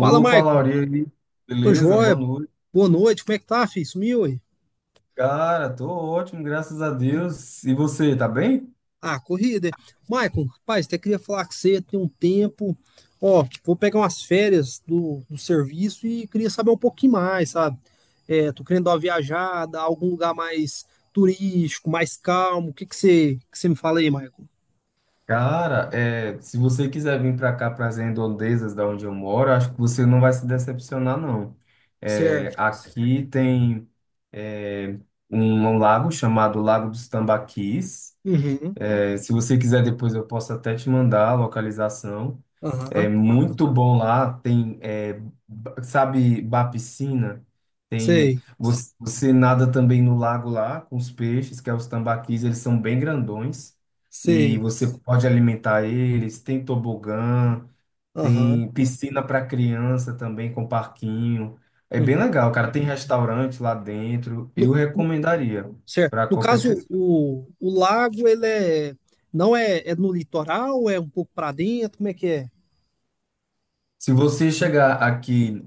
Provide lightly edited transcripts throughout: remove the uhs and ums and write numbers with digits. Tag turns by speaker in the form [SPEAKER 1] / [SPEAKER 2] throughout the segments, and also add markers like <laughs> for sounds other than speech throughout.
[SPEAKER 1] Fala, Maicon.
[SPEAKER 2] Lauri, aí?
[SPEAKER 1] Tô
[SPEAKER 2] Beleza? Boa
[SPEAKER 1] joia.
[SPEAKER 2] noite.
[SPEAKER 1] Boa noite. Como é que tá, filho? Sumiu aí?
[SPEAKER 2] Cara, tô ótimo, graças a Deus. E você, tá bem?
[SPEAKER 1] Ah, corrida. É? Maicon, rapaz, até queria falar com você, tem um tempo. Ó, vou pegar umas férias do serviço e queria saber um pouquinho mais, sabe? É, tô querendo dar uma viajada, algum lugar mais turístico, mais calmo. O que que você, me fala aí, Maicon?
[SPEAKER 2] Cara, se você quiser vir para cá, para as redondezas da onde eu moro, acho que você não vai se decepcionar, não.
[SPEAKER 1] Certo.
[SPEAKER 2] É, aqui tem é, um lago chamado Lago dos Tambaquis.
[SPEAKER 1] Uhum.
[SPEAKER 2] É, se você quiser, depois eu posso até te mandar a localização. É
[SPEAKER 1] Aham.
[SPEAKER 2] muito bom lá. Tem, sabe, ba piscina. Tem
[SPEAKER 1] Sei.
[SPEAKER 2] você nada também no lago lá com os peixes, que é os tambaquis. Eles são bem grandões e
[SPEAKER 1] Sei.
[SPEAKER 2] você pode alimentar eles. Tem tobogã,
[SPEAKER 1] Aham.
[SPEAKER 2] tem piscina para criança também com parquinho. É bem legal, cara. Tem restaurante lá dentro. Eu
[SPEAKER 1] Uhum.
[SPEAKER 2] recomendaria
[SPEAKER 1] Certo.
[SPEAKER 2] para
[SPEAKER 1] No
[SPEAKER 2] qualquer
[SPEAKER 1] caso,
[SPEAKER 2] pessoa.
[SPEAKER 1] o, lago, ele é, não é, é no litoral, é um pouco para dentro, como é que é?
[SPEAKER 2] Se você chegar aqui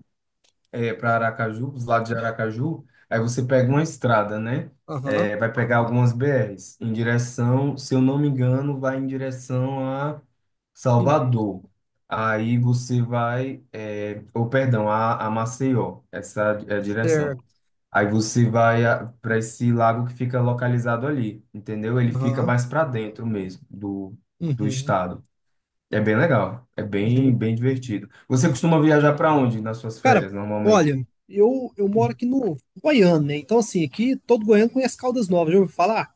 [SPEAKER 2] É para Aracaju, os lados de Aracaju, aí você pega uma estrada, né?
[SPEAKER 1] Aham.
[SPEAKER 2] É, vai pegar algumas BRs em direção, se eu não me engano, vai em direção a
[SPEAKER 1] Uhum.
[SPEAKER 2] Salvador. Aí você vai, ou perdão, a Maceió, essa é a direção.
[SPEAKER 1] Certo.
[SPEAKER 2] Aí você vai para esse lago que fica localizado ali, entendeu? Ele fica
[SPEAKER 1] Aham.
[SPEAKER 2] mais para dentro mesmo do
[SPEAKER 1] Uhum.
[SPEAKER 2] estado. É bem legal, é
[SPEAKER 1] Uhum.
[SPEAKER 2] bem divertido. Você costuma
[SPEAKER 1] Uhum.
[SPEAKER 2] viajar para onde nas suas
[SPEAKER 1] Cara,
[SPEAKER 2] férias, normalmente?
[SPEAKER 1] olha, eu moro aqui no Goiânia, né? Então, assim, aqui todo goiano conhece Caldas Novas, já ouviu falar?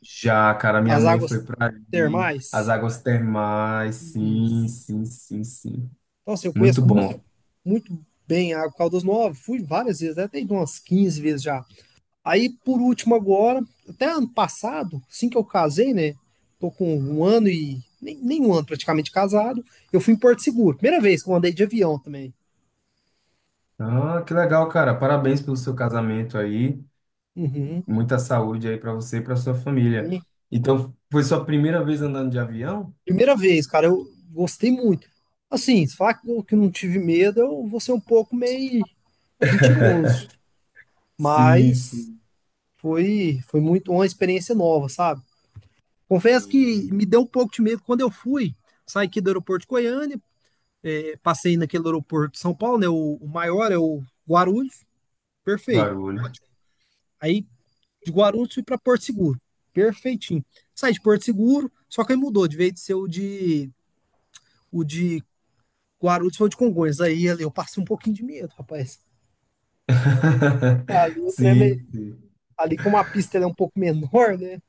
[SPEAKER 2] Já, cara, minha
[SPEAKER 1] As
[SPEAKER 2] mãe
[SPEAKER 1] águas
[SPEAKER 2] foi pra ali. As
[SPEAKER 1] termais.
[SPEAKER 2] águas termais, sim,
[SPEAKER 1] Isso.
[SPEAKER 2] sim, sim, sim.
[SPEAKER 1] Então, assim, eu
[SPEAKER 2] Muito
[SPEAKER 1] conheço
[SPEAKER 2] bom.
[SPEAKER 1] muito, bem a Caldas Novas, fui várias vezes, né? Até umas 15 vezes já. Aí, por último, agora, até ano passado, assim que eu casei, né? Tô com um ano e. Nem um ano praticamente casado. Eu fui em Porto Seguro. Primeira vez que eu andei de avião também.
[SPEAKER 2] Ah, que legal, cara. Parabéns pelo seu casamento aí.
[SPEAKER 1] Uhum.
[SPEAKER 2] Muita saúde aí pra você e pra sua família.
[SPEAKER 1] E
[SPEAKER 2] Então, foi sua primeira vez andando de avião?
[SPEAKER 1] primeira vez, cara, eu gostei muito. Assim, se falar que eu que não tive medo, eu vou ser um pouco meio mentiroso.
[SPEAKER 2] <laughs> Sim,
[SPEAKER 1] Mas
[SPEAKER 2] sim,
[SPEAKER 1] foi muito uma experiência nova, sabe? Confesso que
[SPEAKER 2] sim.
[SPEAKER 1] me deu um pouco de medo quando eu fui. Saí aqui do aeroporto de Goiânia, passei naquele aeroporto de São Paulo, né? O, maior é o Guarulhos, perfeito.
[SPEAKER 2] Barulho.
[SPEAKER 1] Ótimo. Aí de Guarulhos fui para Porto Seguro, perfeitinho. Saí de Porto Seguro, só que aí mudou, de vez de ser o de, o de Guarulhos foi o de Congonhas. Aí ali eu passei um pouquinho de medo, rapaz. Ali
[SPEAKER 2] <laughs>
[SPEAKER 1] o trem,
[SPEAKER 2] Sim, sim.
[SPEAKER 1] ali como a pista ela é um pouco menor, né?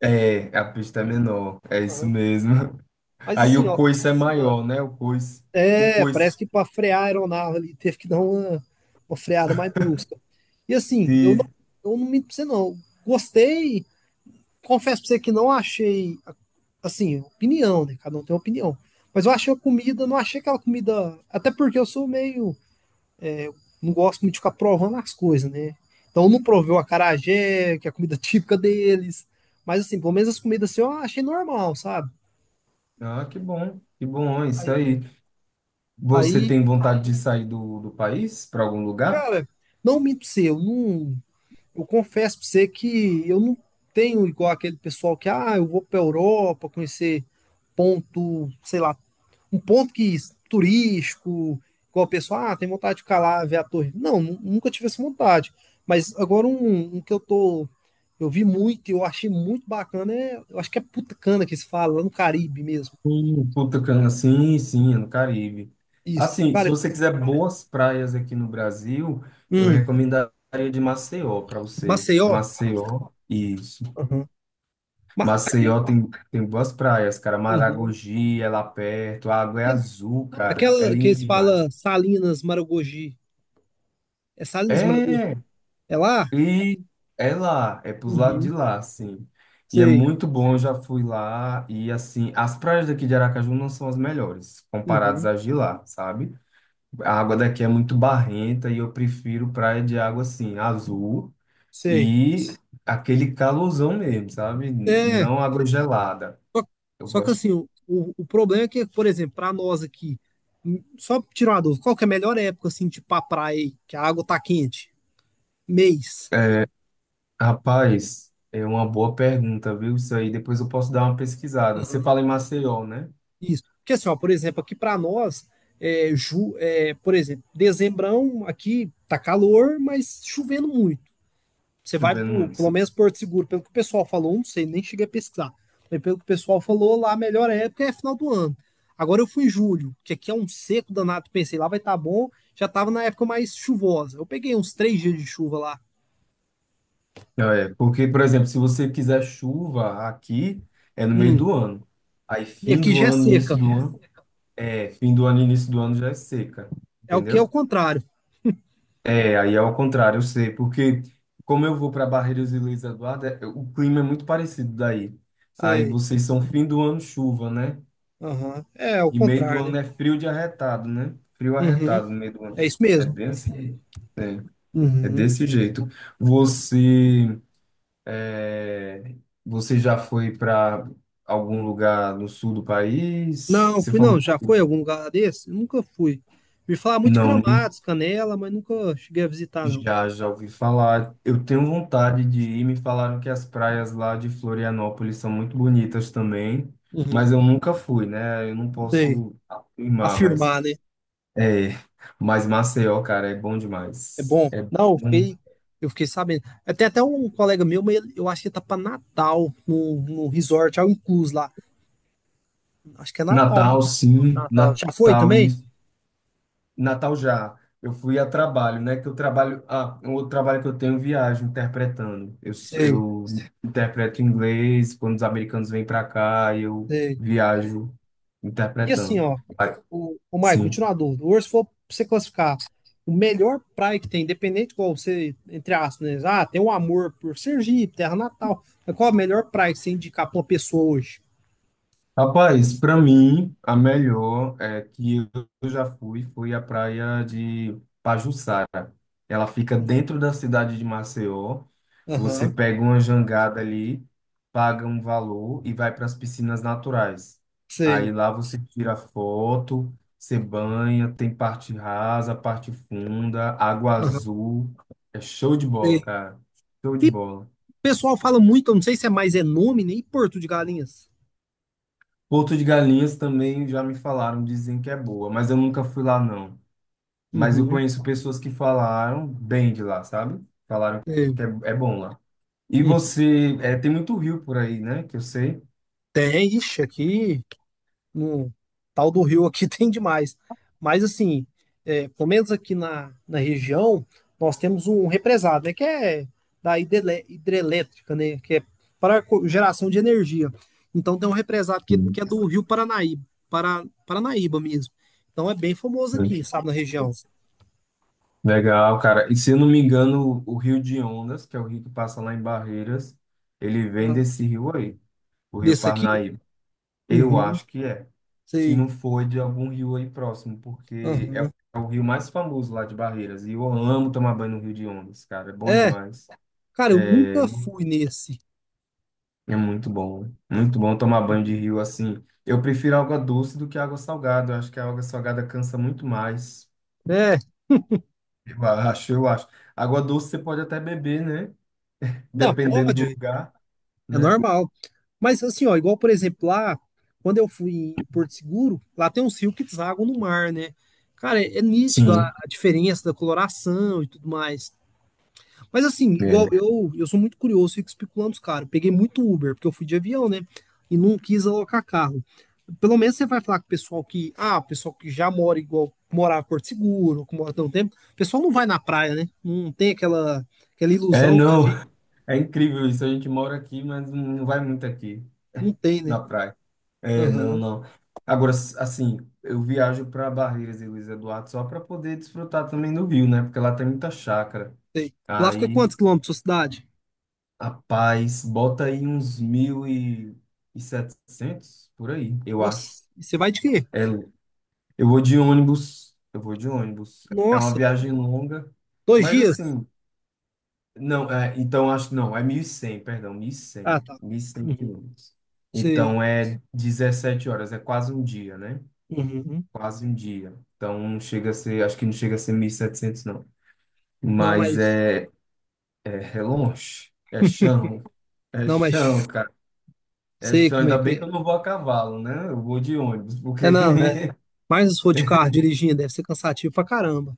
[SPEAKER 2] É, a pista é menor, é isso
[SPEAKER 1] Aham.
[SPEAKER 2] mesmo.
[SPEAKER 1] Mas
[SPEAKER 2] Aí
[SPEAKER 1] assim,
[SPEAKER 2] o
[SPEAKER 1] ó,
[SPEAKER 2] coice é
[SPEAKER 1] ah,
[SPEAKER 2] maior, né? O coice. O
[SPEAKER 1] é,
[SPEAKER 2] coice.
[SPEAKER 1] parece que para frear a aeronave ali teve que dar uma, freada mais brusca. E assim, eu não, minto pra você não. Gostei, confesso pra você que não achei, assim, opinião, né? Cada um tem uma opinião. Mas eu achei a comida, não achei aquela comida. Até porque eu sou meio. É, não gosto muito de ficar provando as coisas, né? Então eu não provei o acarajé, que é a comida <laughs> típica deles. Mas assim, pelo menos as comidas assim eu achei normal, sabe?
[SPEAKER 2] Ah, que bom, é isso
[SPEAKER 1] Aí,
[SPEAKER 2] aí. Você
[SPEAKER 1] aí,
[SPEAKER 2] tem vontade de sair do país para algum lugar?
[SPEAKER 1] cara, não minto pra você, eu não. Eu confesso pra você que eu não tenho igual aquele pessoal que, ah, eu vou pra Europa conhecer ponto, sei lá, um ponto que turístico, igual o pessoal, ah, tem vontade de ficar lá, ver a torre. Não, nunca tive essa vontade. Mas agora um, que eu tô. Eu vi muito e eu achei muito bacana é. Eu acho que é Putacana que se fala, lá no Caribe mesmo.
[SPEAKER 2] Puta cana, sim, sim, é no Caribe.
[SPEAKER 1] Isso.
[SPEAKER 2] Assim, se
[SPEAKER 1] Cara,
[SPEAKER 2] você quiser boas praias aqui no Brasil, eu
[SPEAKER 1] hum,
[SPEAKER 2] recomendaria de Maceió para você.
[SPEAKER 1] Maceió.
[SPEAKER 2] Maceió, isso.
[SPEAKER 1] Uhum. Aquele,
[SPEAKER 2] Maceió tem, tem boas praias, cara.
[SPEAKER 1] uhum.
[SPEAKER 2] Maragogi é lá perto, a água é
[SPEAKER 1] Aquele-
[SPEAKER 2] azul, cara. É
[SPEAKER 1] aquela que
[SPEAKER 2] lindo
[SPEAKER 1] eles falam
[SPEAKER 2] demais.
[SPEAKER 1] Salinas Maragogi. É Salinas Maragogi?
[SPEAKER 2] É,
[SPEAKER 1] É lá?
[SPEAKER 2] E é lá, é pros lados de
[SPEAKER 1] Uhum.
[SPEAKER 2] lá, assim. E é
[SPEAKER 1] Sei.
[SPEAKER 2] muito bom, eu já fui lá. E assim, as praias daqui de Aracaju não são as melhores, comparadas
[SPEAKER 1] Uhum.
[SPEAKER 2] às de lá, sabe? A água daqui é muito barrenta e eu prefiro praia de água assim, azul
[SPEAKER 1] Sei.
[SPEAKER 2] e aquele calorzão mesmo, sabe?
[SPEAKER 1] É.
[SPEAKER 2] Não água gelada.
[SPEAKER 1] Só,
[SPEAKER 2] Eu
[SPEAKER 1] que
[SPEAKER 2] gosto.
[SPEAKER 1] assim, o, problema é que, por exemplo, para nós aqui, só tirar uma dúvida, qual que é a melhor época, assim, tipo pra praia, aí, que a água tá quente? Mês.
[SPEAKER 2] É, rapaz, é uma boa pergunta, viu? Isso aí depois eu posso dar uma pesquisada. Você
[SPEAKER 1] Aham.
[SPEAKER 2] fala em Maceió, né?
[SPEAKER 1] Isso. Porque assim, ó, por exemplo, aqui para nós, é, é, por exemplo, dezembrão aqui tá calor, mas chovendo muito. Você vai
[SPEAKER 2] Chovendo
[SPEAKER 1] pro, pelo
[SPEAKER 2] muito.
[SPEAKER 1] menos Porto Seguro, pelo que o pessoal falou, não sei, nem cheguei a pesquisar. Mas pelo que o pessoal falou, lá a melhor época é final do ano. Agora eu fui em julho, que aqui é um seco danado, pensei, lá vai estar tá bom, já estava na época mais chuvosa. Eu peguei uns 3 dias de chuva lá.
[SPEAKER 2] É, porque, por exemplo, se você quiser chuva aqui, é no meio
[SPEAKER 1] Hum.
[SPEAKER 2] do ano. Aí,
[SPEAKER 1] E aqui já é seca.
[SPEAKER 2] fim do ano, início do ano já é seca,
[SPEAKER 1] É o que é o
[SPEAKER 2] entendeu?
[SPEAKER 1] contrário.
[SPEAKER 2] É, aí é ao contrário, eu sei, porque como eu vou para Barreiras e Luiz Eduardo, o clima é muito parecido daí. Aí
[SPEAKER 1] Sei.
[SPEAKER 2] vocês são fim do ano chuva, né?
[SPEAKER 1] Aham. É, é o
[SPEAKER 2] E meio do
[SPEAKER 1] contrário, né?
[SPEAKER 2] ano é frio de arretado, né? Frio
[SPEAKER 1] Uhum.
[SPEAKER 2] arretado no meio do
[SPEAKER 1] É
[SPEAKER 2] ano.
[SPEAKER 1] isso
[SPEAKER 2] É
[SPEAKER 1] mesmo.
[SPEAKER 2] bem assim. É, é
[SPEAKER 1] Uhum.
[SPEAKER 2] desse jeito. Você É, Você já foi para algum lugar no sul do país?
[SPEAKER 1] Não,
[SPEAKER 2] Você
[SPEAKER 1] fui não.
[SPEAKER 2] falou,
[SPEAKER 1] Já foi em algum lugar desse? Nunca fui. Me falar muito de
[SPEAKER 2] não, nem-
[SPEAKER 1] Gramados, Canela, mas nunca cheguei a visitar, não.
[SPEAKER 2] já, já ouvi falar. Eu tenho vontade de ir. Me falaram que as praias lá de Florianópolis são muito bonitas também,
[SPEAKER 1] Uhum.
[SPEAKER 2] mas eu nunca fui, né? Eu não
[SPEAKER 1] Sei.
[SPEAKER 2] posso afirmar,
[SPEAKER 1] Afirmar, né?
[SPEAKER 2] é, mas Maceió, cara, é bom
[SPEAKER 1] É
[SPEAKER 2] demais.
[SPEAKER 1] bom.
[SPEAKER 2] É
[SPEAKER 1] Não, eu
[SPEAKER 2] bom.
[SPEAKER 1] fiquei, eu fiquei sabendo. Até um colega meu, mas eu acho que ele tá pra Natal, no resort, ao incluso lá. Acho que é Natal, né?
[SPEAKER 2] Natal, sim,
[SPEAKER 1] Natal. Já foi também?
[SPEAKER 2] Natal já. Eu fui a trabalho, né? Que eu trabalho. Ah, um outro trabalho que eu tenho, viagem, interpretando. Eu, s-
[SPEAKER 1] Sei,
[SPEAKER 2] eu interpreto inglês quando os americanos vêm para cá, eu
[SPEAKER 1] sei.
[SPEAKER 2] viajo
[SPEAKER 1] E assim,
[SPEAKER 2] interpretando.
[SPEAKER 1] ó,
[SPEAKER 2] Ah,
[SPEAKER 1] o, Maicon,
[SPEAKER 2] Sim.
[SPEAKER 1] continua a dúvida. Hoje, se for pra você classificar o melhor praia que tem, independente de qual você, entre aspas, né? Ah, tem um amor por Sergipe, terra natal. Mas qual a melhor praia que você indicar pra uma pessoa hoje?
[SPEAKER 2] Rapaz, para mim, a melhor é que eu já fui, foi a praia de Pajuçara. Ela fica dentro da cidade de Maceió. Você
[SPEAKER 1] Aham,
[SPEAKER 2] pega uma jangada ali, paga um valor e vai para as piscinas naturais. Aí
[SPEAKER 1] sei.
[SPEAKER 2] lá você tira foto, você banha, tem parte rasa, parte funda, água
[SPEAKER 1] Aham,
[SPEAKER 2] azul. É show de bola,
[SPEAKER 1] sei.
[SPEAKER 2] cara. Show de
[SPEAKER 1] E o
[SPEAKER 2] bola.
[SPEAKER 1] pessoal fala muito, eu não sei se é mais é nome, nem Porto de Galinhas.
[SPEAKER 2] Porto de Galinhas também já me falaram, dizem que é boa, mas eu nunca fui lá não. Mas eu
[SPEAKER 1] Uhum.
[SPEAKER 2] conheço pessoas que falaram bem de lá, sabe? Falaram
[SPEAKER 1] É,
[SPEAKER 2] que é bom lá. E
[SPEAKER 1] hum,
[SPEAKER 2] você, é, tem muito rio por aí, né? Que eu sei.
[SPEAKER 1] tem, ixi, aqui no tal do Rio aqui <laughs> tem demais. Mas assim, é, pelo menos aqui na, região, nós temos um represado, né? Que é da hidrelétrica, né? Que é para geração de energia. Então tem um represado que,
[SPEAKER 2] Sim,
[SPEAKER 1] que é do Rio Paranaíba, Paranaíba mesmo. Então é bem famoso
[SPEAKER 2] sim.
[SPEAKER 1] aqui, sabe, na região.
[SPEAKER 2] Legal, cara. E se eu não me engano, o Rio de Ondas, que é o rio que passa lá em Barreiras, ele vem
[SPEAKER 1] Ah,
[SPEAKER 2] desse rio aí, o Rio
[SPEAKER 1] desse aqui?
[SPEAKER 2] Parnaíba. Eu
[SPEAKER 1] Uhum,
[SPEAKER 2] acho que é. Se
[SPEAKER 1] sei.
[SPEAKER 2] não for de algum rio aí próximo, porque é
[SPEAKER 1] Uhum.
[SPEAKER 2] o rio mais famoso lá de Barreiras. E eu amo tomar banho no Rio de Ondas, cara. É bom
[SPEAKER 1] É,
[SPEAKER 2] demais.
[SPEAKER 1] cara, eu
[SPEAKER 2] É,
[SPEAKER 1] nunca fui nesse.
[SPEAKER 2] é muito bom. Né? Muito bom tomar banho
[SPEAKER 1] Uhum.
[SPEAKER 2] de rio assim. Eu prefiro água doce do que água salgada. Eu acho que a água salgada cansa muito mais.
[SPEAKER 1] É,
[SPEAKER 2] Eu acho. Água doce você pode até beber, né?
[SPEAKER 1] não,
[SPEAKER 2] Dependendo do
[SPEAKER 1] pode,
[SPEAKER 2] lugar,
[SPEAKER 1] é
[SPEAKER 2] né?
[SPEAKER 1] normal. Mas assim, ó, igual por exemplo lá, quando eu fui em Porto Seguro, lá tem uns rios que deságua no mar, né? Cara, é nítido a,
[SPEAKER 2] Sim.
[SPEAKER 1] diferença da coloração e tudo mais. Mas assim, igual
[SPEAKER 2] É.
[SPEAKER 1] eu sou muito curioso, fico especulando os caras. Peguei muito Uber, porque eu fui de avião, né? E não quis alocar carro. Pelo menos você vai falar com o pessoal que, ah, o pessoal que já mora igual, morava em Porto Seguro, que mora há tanto tempo. O pessoal não vai na praia, né? Não tem aquela,
[SPEAKER 2] É,
[SPEAKER 1] ilusão que a
[SPEAKER 2] não,
[SPEAKER 1] gente
[SPEAKER 2] é incrível isso. A gente mora aqui, mas não vai muito aqui
[SPEAKER 1] não tem, né?
[SPEAKER 2] na praia. É, não,
[SPEAKER 1] Aham,
[SPEAKER 2] não. Agora, assim, eu viajo para Barreiras e Luiz Eduardo só para poder desfrutar também do Rio, né? Porque lá tem muita chácara.
[SPEAKER 1] sei. Lá fica
[SPEAKER 2] Aí,
[SPEAKER 1] quantos quilômetros da sua cidade?
[SPEAKER 2] rapaz, bota aí uns 1.700 por aí, eu acho.
[SPEAKER 1] Nossa, e você vai de quê?
[SPEAKER 2] É, eu vou de ônibus. É uma
[SPEAKER 1] Nossa,
[SPEAKER 2] viagem longa,
[SPEAKER 1] dois
[SPEAKER 2] mas
[SPEAKER 1] dias?
[SPEAKER 2] assim. Não, é, então acho que não, é 1.100,
[SPEAKER 1] Ah, tá.
[SPEAKER 2] 1.100
[SPEAKER 1] Uhum,
[SPEAKER 2] quilômetros.
[SPEAKER 1] sei.
[SPEAKER 2] Então é 17 horas, é quase um dia, né?
[SPEAKER 1] Uhum.
[SPEAKER 2] Quase um dia. Então não chega a ser, acho que não chega a ser 1.700, não.
[SPEAKER 1] Não,
[SPEAKER 2] Mas
[SPEAKER 1] mas,
[SPEAKER 2] é longe, é
[SPEAKER 1] não,
[SPEAKER 2] chão,
[SPEAKER 1] mas
[SPEAKER 2] cara. É
[SPEAKER 1] sei
[SPEAKER 2] chão,
[SPEAKER 1] como
[SPEAKER 2] ainda
[SPEAKER 1] é que
[SPEAKER 2] bem que eu
[SPEAKER 1] é.
[SPEAKER 2] não vou a cavalo, né? Eu vou de ônibus,
[SPEAKER 1] É,
[SPEAKER 2] porque
[SPEAKER 1] não, é,
[SPEAKER 2] <laughs>
[SPEAKER 1] mas se for de carro dirigindo, deve ser cansativo pra caramba.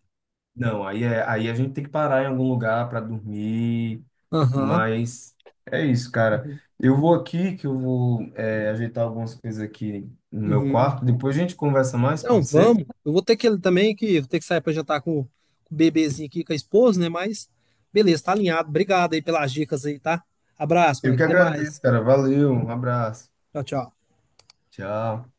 [SPEAKER 2] Não, aí a gente tem que parar em algum lugar para dormir,
[SPEAKER 1] Aham.
[SPEAKER 2] mas é isso, cara.
[SPEAKER 1] Uhum.
[SPEAKER 2] Eu vou aqui, que eu vou ajeitar algumas coisas aqui no meu
[SPEAKER 1] Uhum.
[SPEAKER 2] quarto. Depois a gente conversa mais,
[SPEAKER 1] Não,
[SPEAKER 2] pode ser?
[SPEAKER 1] vamos. Eu vou ter que ele também, que vou ter que sair pra jantar com o bebezinho aqui, com a esposa, né? Mas beleza, tá alinhado. Obrigado aí pelas dicas aí, tá? Abraço,
[SPEAKER 2] Eu
[SPEAKER 1] Mike.
[SPEAKER 2] que
[SPEAKER 1] Até mais.
[SPEAKER 2] agradeço, cara. Valeu, um abraço.
[SPEAKER 1] Tchau, tchau.
[SPEAKER 2] Tchau.